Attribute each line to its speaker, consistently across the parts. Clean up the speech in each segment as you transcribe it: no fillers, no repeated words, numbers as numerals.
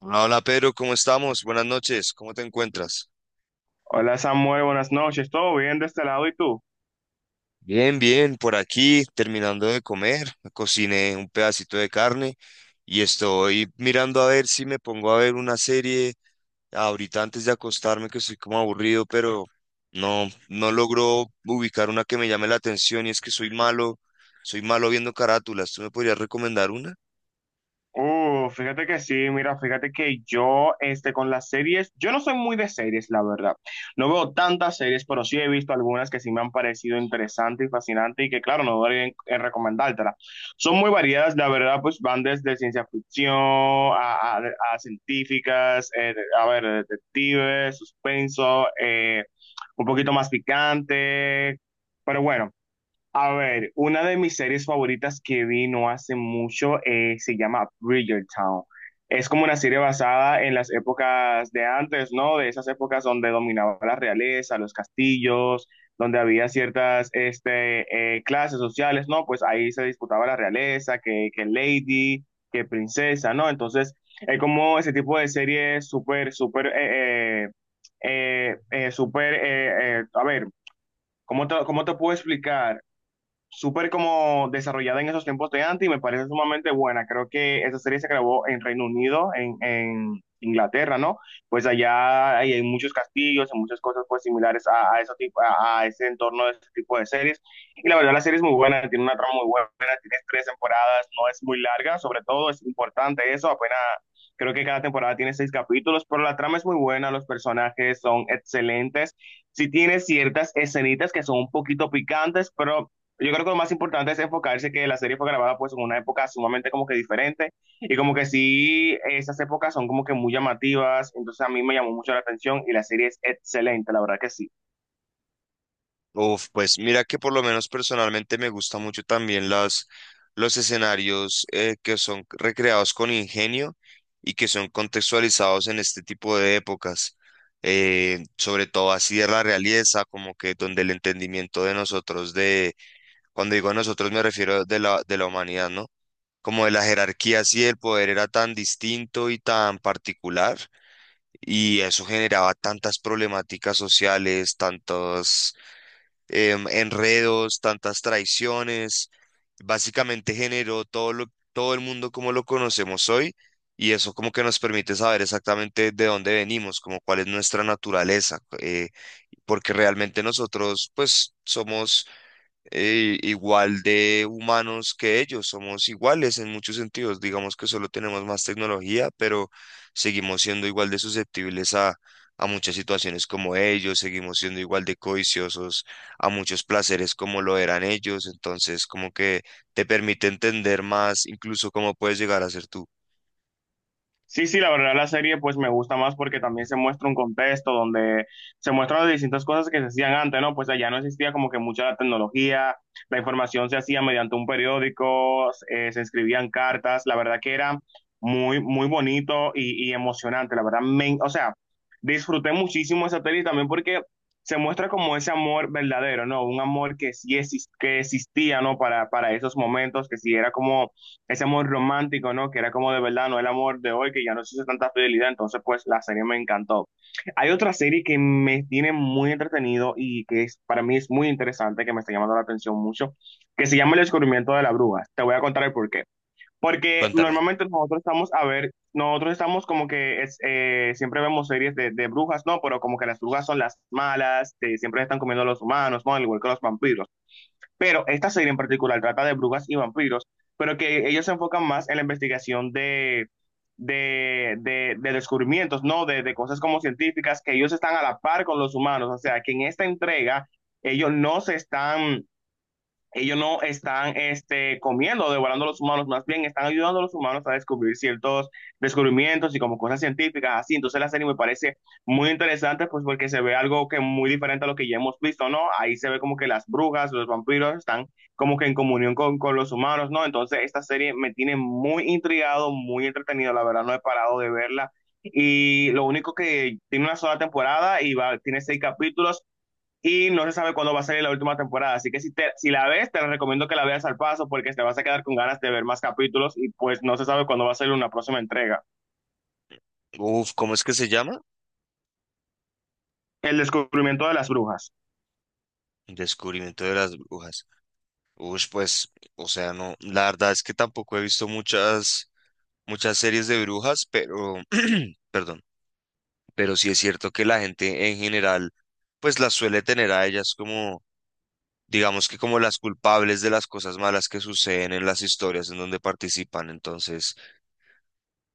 Speaker 1: Hola Pedro, ¿cómo estamos? Buenas noches, ¿cómo te encuentras?
Speaker 2: Hola Samuel, buenas noches. ¿Todo bien de este lado y tú?
Speaker 1: Bien, por aquí terminando de comer, cociné un pedacito de carne y estoy mirando a ver si me pongo a ver una serie ahorita antes de acostarme que estoy como aburrido, pero no logro ubicar una que me llame la atención y es que soy malo viendo carátulas. ¿Tú me podrías recomendar una?
Speaker 2: Fíjate que sí, mira, fíjate que yo, con las series, yo no soy muy de series, la verdad. No veo tantas series, pero sí he visto algunas que sí me han parecido interesantes y fascinantes y que, claro, no dudaría en recomendártelas. Son muy variadas, la verdad, pues van desde ciencia ficción a científicas, a ver, detectives, suspenso, un poquito más picante, pero bueno. A ver, una de mis series favoritas que vi no hace mucho se llama Bridgerton. Es como una serie basada en las épocas de antes, ¿no? De esas épocas donde dominaba la realeza, los castillos, donde había ciertas clases sociales, ¿no? Pues ahí se disputaba la realeza, que lady, que princesa, ¿no? Entonces, es como ese tipo de serie súper, súper, súper, a ver, ¿cómo te puedo explicar? Súper como desarrollada en esos tiempos de antes y me parece sumamente buena. Creo que esa serie se grabó en Reino Unido, en Inglaterra, ¿no? Pues allá hay muchos castillos, hay muchas cosas pues similares eso tipo, a ese entorno de ese tipo de series. Y la verdad la serie es muy buena, tiene una trama muy buena, tiene tres temporadas, no es muy larga, sobre todo es importante eso, apenas. Creo que cada temporada tiene seis capítulos, pero la trama es muy buena, los personajes son excelentes. Sí tiene ciertas escenitas que son un poquito picantes, pero yo creo que lo más importante es enfocarse que la serie fue grabada pues en una época sumamente como que diferente y como que sí, esas épocas son como que muy llamativas, entonces a mí me llamó mucho la atención y la serie es excelente, la verdad que sí.
Speaker 1: Uf, pues mira que por lo menos personalmente me gusta mucho también los escenarios que son recreados con ingenio y que son contextualizados en este tipo de épocas, sobre todo así de la realeza, como que donde el entendimiento de nosotros, de, cuando digo nosotros me refiero de la humanidad, ¿no? Como de la jerarquía, así el poder era tan distinto y tan particular, y eso generaba tantas problemáticas sociales, tantos enredos, tantas traiciones. Básicamente generó todo el mundo como lo conocemos hoy, y eso como que nos permite saber exactamente de dónde venimos, como cuál es nuestra naturaleza, porque realmente nosotros pues somos igual de humanos que ellos, somos iguales en muchos sentidos, digamos que solo tenemos más tecnología, pero seguimos siendo igual de susceptibles a muchas situaciones como ellos, seguimos siendo igual de codiciosos a muchos placeres como lo eran ellos, entonces como que te permite entender más incluso cómo puedes llegar a ser tú.
Speaker 2: Sí, sí, la verdad la serie pues me gusta más porque también se muestra un contexto donde se muestran las distintas cosas que se hacían antes, ¿no? Pues allá no existía como que mucha la tecnología, la información se hacía mediante un periódico, se escribían cartas, la verdad que era muy, muy bonito y emocionante, la verdad, me, o sea, disfruté muchísimo esa serie también porque se muestra como ese amor verdadero, ¿no? Un amor que sí que existía, ¿no? Para esos momentos, que sí era como ese amor romántico, ¿no? Que era como de verdad, no el amor de hoy, que ya no existe tanta fidelidad, entonces pues la serie me encantó. Hay otra serie que me tiene muy entretenido y que es, para mí es muy interesante, que me está llamando la atención mucho, que se llama El descubrimiento de la bruja. Te voy a contar el porqué. Porque
Speaker 1: Cuéntame.
Speaker 2: normalmente nosotros estamos, a ver, nosotros estamos como que es, siempre vemos series de brujas, ¿no? Pero como que las brujas son las malas, que siempre están comiendo a los humanos, ¿no? Al igual que los vampiros. Pero esta serie en particular trata de brujas y vampiros, pero que ellos se enfocan más en la investigación de descubrimientos, ¿no? De cosas como científicas, que ellos están a la par con los humanos. O sea, que en esta entrega ellos no se están ellos no están comiendo, o devorando a los humanos, más bien están ayudando a los humanos a descubrir ciertos descubrimientos y como cosas científicas, así. Entonces la serie me parece muy interesante, pues porque se ve algo que muy diferente a lo que ya hemos visto, ¿no? Ahí se ve como que las brujas, los vampiros están como que en comunión con los humanos, ¿no? Entonces esta serie me tiene muy intrigado, muy entretenido, la verdad no he parado de verla. Y lo único que tiene una sola temporada y va, tiene seis capítulos y no se sabe cuándo va a salir la última temporada. Así que si la ves, te recomiendo que la veas al paso porque te vas a quedar con ganas de ver más capítulos y pues no se sabe cuándo va a salir una próxima entrega.
Speaker 1: Uf, ¿cómo es que se llama?
Speaker 2: El descubrimiento de las brujas.
Speaker 1: Descubrimiento de las brujas. Uf, pues, o sea, no, la verdad es que tampoco he visto muchas series de brujas, pero, perdón, pero sí es cierto que la gente en general pues las suele tener a ellas como, digamos, que como las culpables de las cosas malas que suceden en las historias en donde participan. Entonces,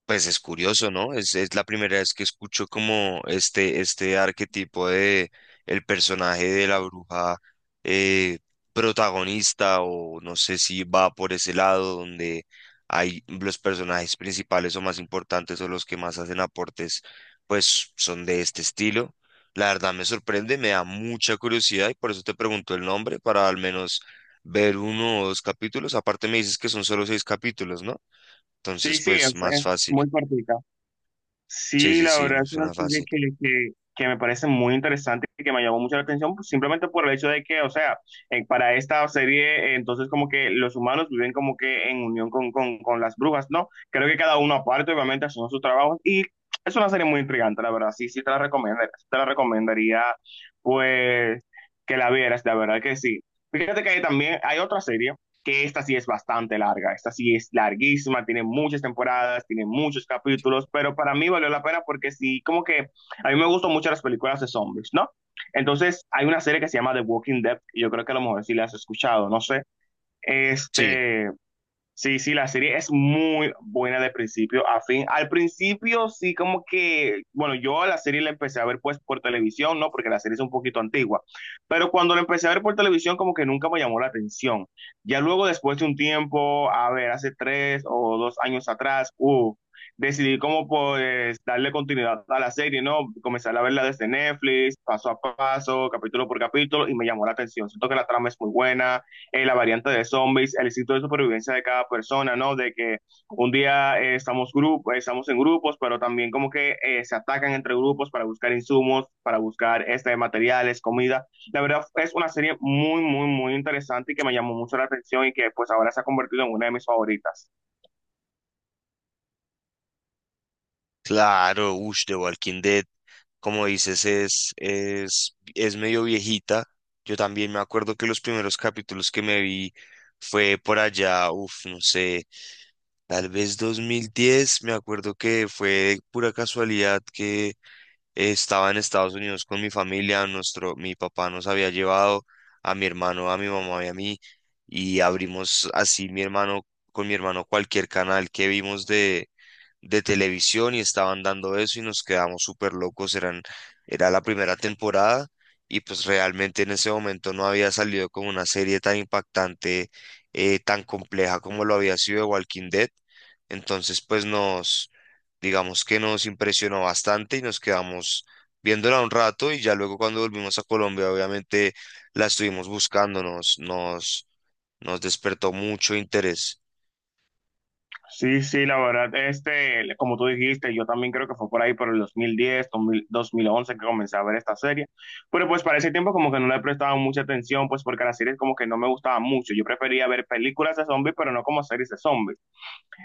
Speaker 1: pues es curioso, ¿no? Es la primera vez que escucho como este arquetipo de el personaje de la bruja eh, protagonista, o no sé si va por ese lado donde hay los personajes principales o más importantes o los que más hacen aportes, pues son de este estilo. La verdad me sorprende, me da mucha curiosidad y por eso te pregunto el nombre para al menos ver uno o dos capítulos. Aparte me dices que son solo seis capítulos, ¿no?
Speaker 2: Sí,
Speaker 1: Entonces,
Speaker 2: sí,
Speaker 1: pues más
Speaker 2: es
Speaker 1: fácil.
Speaker 2: muy cortita.
Speaker 1: Sí,
Speaker 2: Sí,
Speaker 1: sí,
Speaker 2: la
Speaker 1: sí,
Speaker 2: verdad
Speaker 1: me
Speaker 2: es una
Speaker 1: suena
Speaker 2: serie
Speaker 1: fácil.
Speaker 2: que me parece muy interesante y que me llamó mucho la atención, pues, simplemente por el hecho de que, o sea, para esta serie, entonces como que los humanos viven como que en unión con las brujas, ¿no? Creo que cada uno aparte, obviamente, haciendo sus trabajos y es una serie muy intrigante, la verdad, sí, sí te la recomendaría, pues, que la vieras, la verdad que sí. Fíjate que hay también hay otra serie que esta sí es bastante larga, esta sí es larguísima, tiene muchas temporadas, tiene muchos capítulos, pero para mí valió la pena porque sí, como que a mí me gustan mucho las películas de zombies, ¿no? Entonces, hay una serie que se llama The Walking Dead, y yo creo que a lo mejor sí la has escuchado, no sé.
Speaker 1: Sí,
Speaker 2: Este, Sí, sí, la serie es muy buena de principio a fin. Al principio sí como que, bueno, yo a la serie la empecé a ver pues por televisión, ¿no? Porque la serie es un poquito antigua. Pero cuando la empecé a ver por televisión como que nunca me llamó la atención. Ya luego después de un tiempo, a ver, hace 3 o 2 años atrás, decidí como pues darle continuidad a la serie, ¿no? Comenzar a verla desde Netflix, paso a paso, capítulo por capítulo, y me llamó la atención. Siento que la trama es muy buena, la variante de zombies, el instinto de supervivencia de cada persona, ¿no? De que un día estamos, grupo, estamos en grupos, pero también como que se atacan entre grupos para buscar insumos, para buscar materiales, comida. La verdad es una serie muy, muy, muy interesante y que me llamó mucho la atención y que pues ahora se ha convertido en una de mis favoritas.
Speaker 1: claro. Ush, The Walking Dead, como dices, es medio viejita. Yo también me acuerdo que los primeros capítulos que me vi fue por allá, uff, no sé, tal vez 2010. Me acuerdo que fue pura casualidad que estaba en Estados Unidos con mi familia, mi papá nos había llevado a mi hermano, a mi mamá y a mí, y abrimos así con mi hermano cualquier canal que vimos de televisión y estaban dando eso y nos quedamos súper locos. Era la primera temporada, y pues realmente en ese momento no había salido como una serie tan impactante, tan compleja como lo había sido de Walking Dead. Entonces digamos que nos impresionó bastante y nos quedamos viéndola un rato, y ya luego cuando volvimos a Colombia obviamente la estuvimos buscando, nos despertó mucho interés.
Speaker 2: Sí, sí, la verdad, como tú dijiste, yo también creo que fue por ahí por el 2010, 2000, 2011 que comencé a ver esta serie, pero pues para ese tiempo como que no le prestaba mucha atención, pues porque las series como que no me gustaban mucho, yo prefería ver películas de zombies, pero no como series de zombies.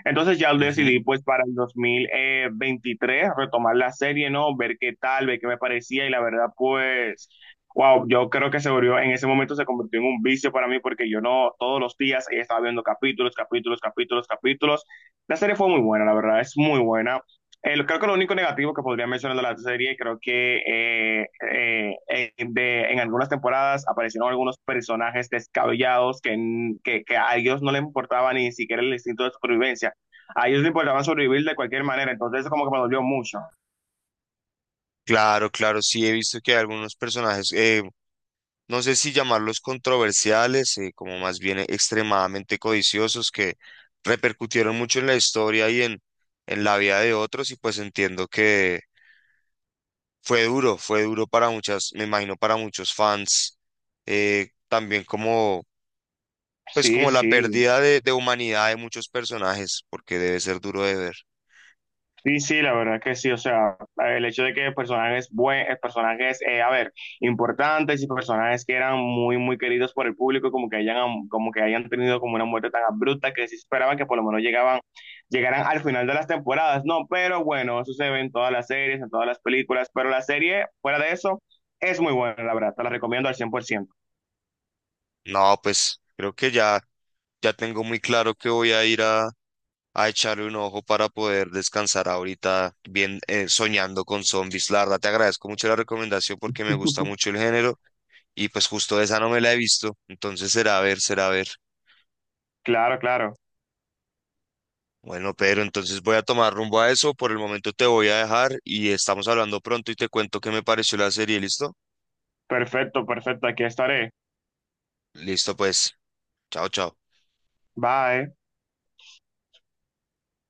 Speaker 2: Entonces ya
Speaker 1: Ujú.
Speaker 2: decidí pues para el 2023 retomar la serie, ¿no? Ver qué tal, ver qué me parecía y la verdad pues, wow, yo creo que se volvió, en ese momento se convirtió en un vicio para mí porque yo no todos los días estaba viendo capítulos, capítulos, capítulos, capítulos. La serie fue muy buena, la verdad, es muy buena. Creo que lo único negativo que podría mencionar de la serie, creo que en algunas temporadas aparecieron algunos personajes descabellados que a ellos no les importaba ni siquiera el instinto de supervivencia a ellos les importaba sobrevivir de cualquier manera, entonces eso como que me dolió mucho.
Speaker 1: Claro, claro, sí he visto que hay algunos personajes, no sé si llamarlos controversiales, como más bien extremadamente codiciosos, que repercutieron mucho en la historia y en la vida de otros, y pues entiendo que fue duro para muchas, me imagino para muchos fans, también como, pues
Speaker 2: Sí,
Speaker 1: como la
Speaker 2: sí,
Speaker 1: pérdida de humanidad de muchos personajes, porque debe ser duro de ver.
Speaker 2: sí, sí, la verdad es que sí, o sea, el hecho de que personajes buenos, personajes, a ver, importantes y personajes que eran muy, muy queridos por el público, como que hayan tenido como una muerte tan abrupta que se esperaba que por lo menos llegaran al final de las temporadas, no, pero bueno, eso se ve en todas las series, en todas las películas, pero la serie, fuera de eso, es muy buena, la verdad, te la recomiendo al 100%.
Speaker 1: No, pues creo que ya tengo muy claro que voy a ir a echarle un ojo para poder descansar ahorita bien, soñando con zombies. La verdad, te agradezco mucho la recomendación porque me gusta mucho el género y pues justo esa no me la he visto. Entonces será a ver, será a ver.
Speaker 2: Claro, claro,
Speaker 1: Bueno, Pedro, entonces voy a tomar rumbo a eso. Por el momento te voy a dejar y estamos hablando pronto y te cuento qué me pareció la serie. ¿Listo?
Speaker 2: perfecto, perfecto, aquí estaré.
Speaker 1: Listo, pues. Chao, chao.
Speaker 2: Bye.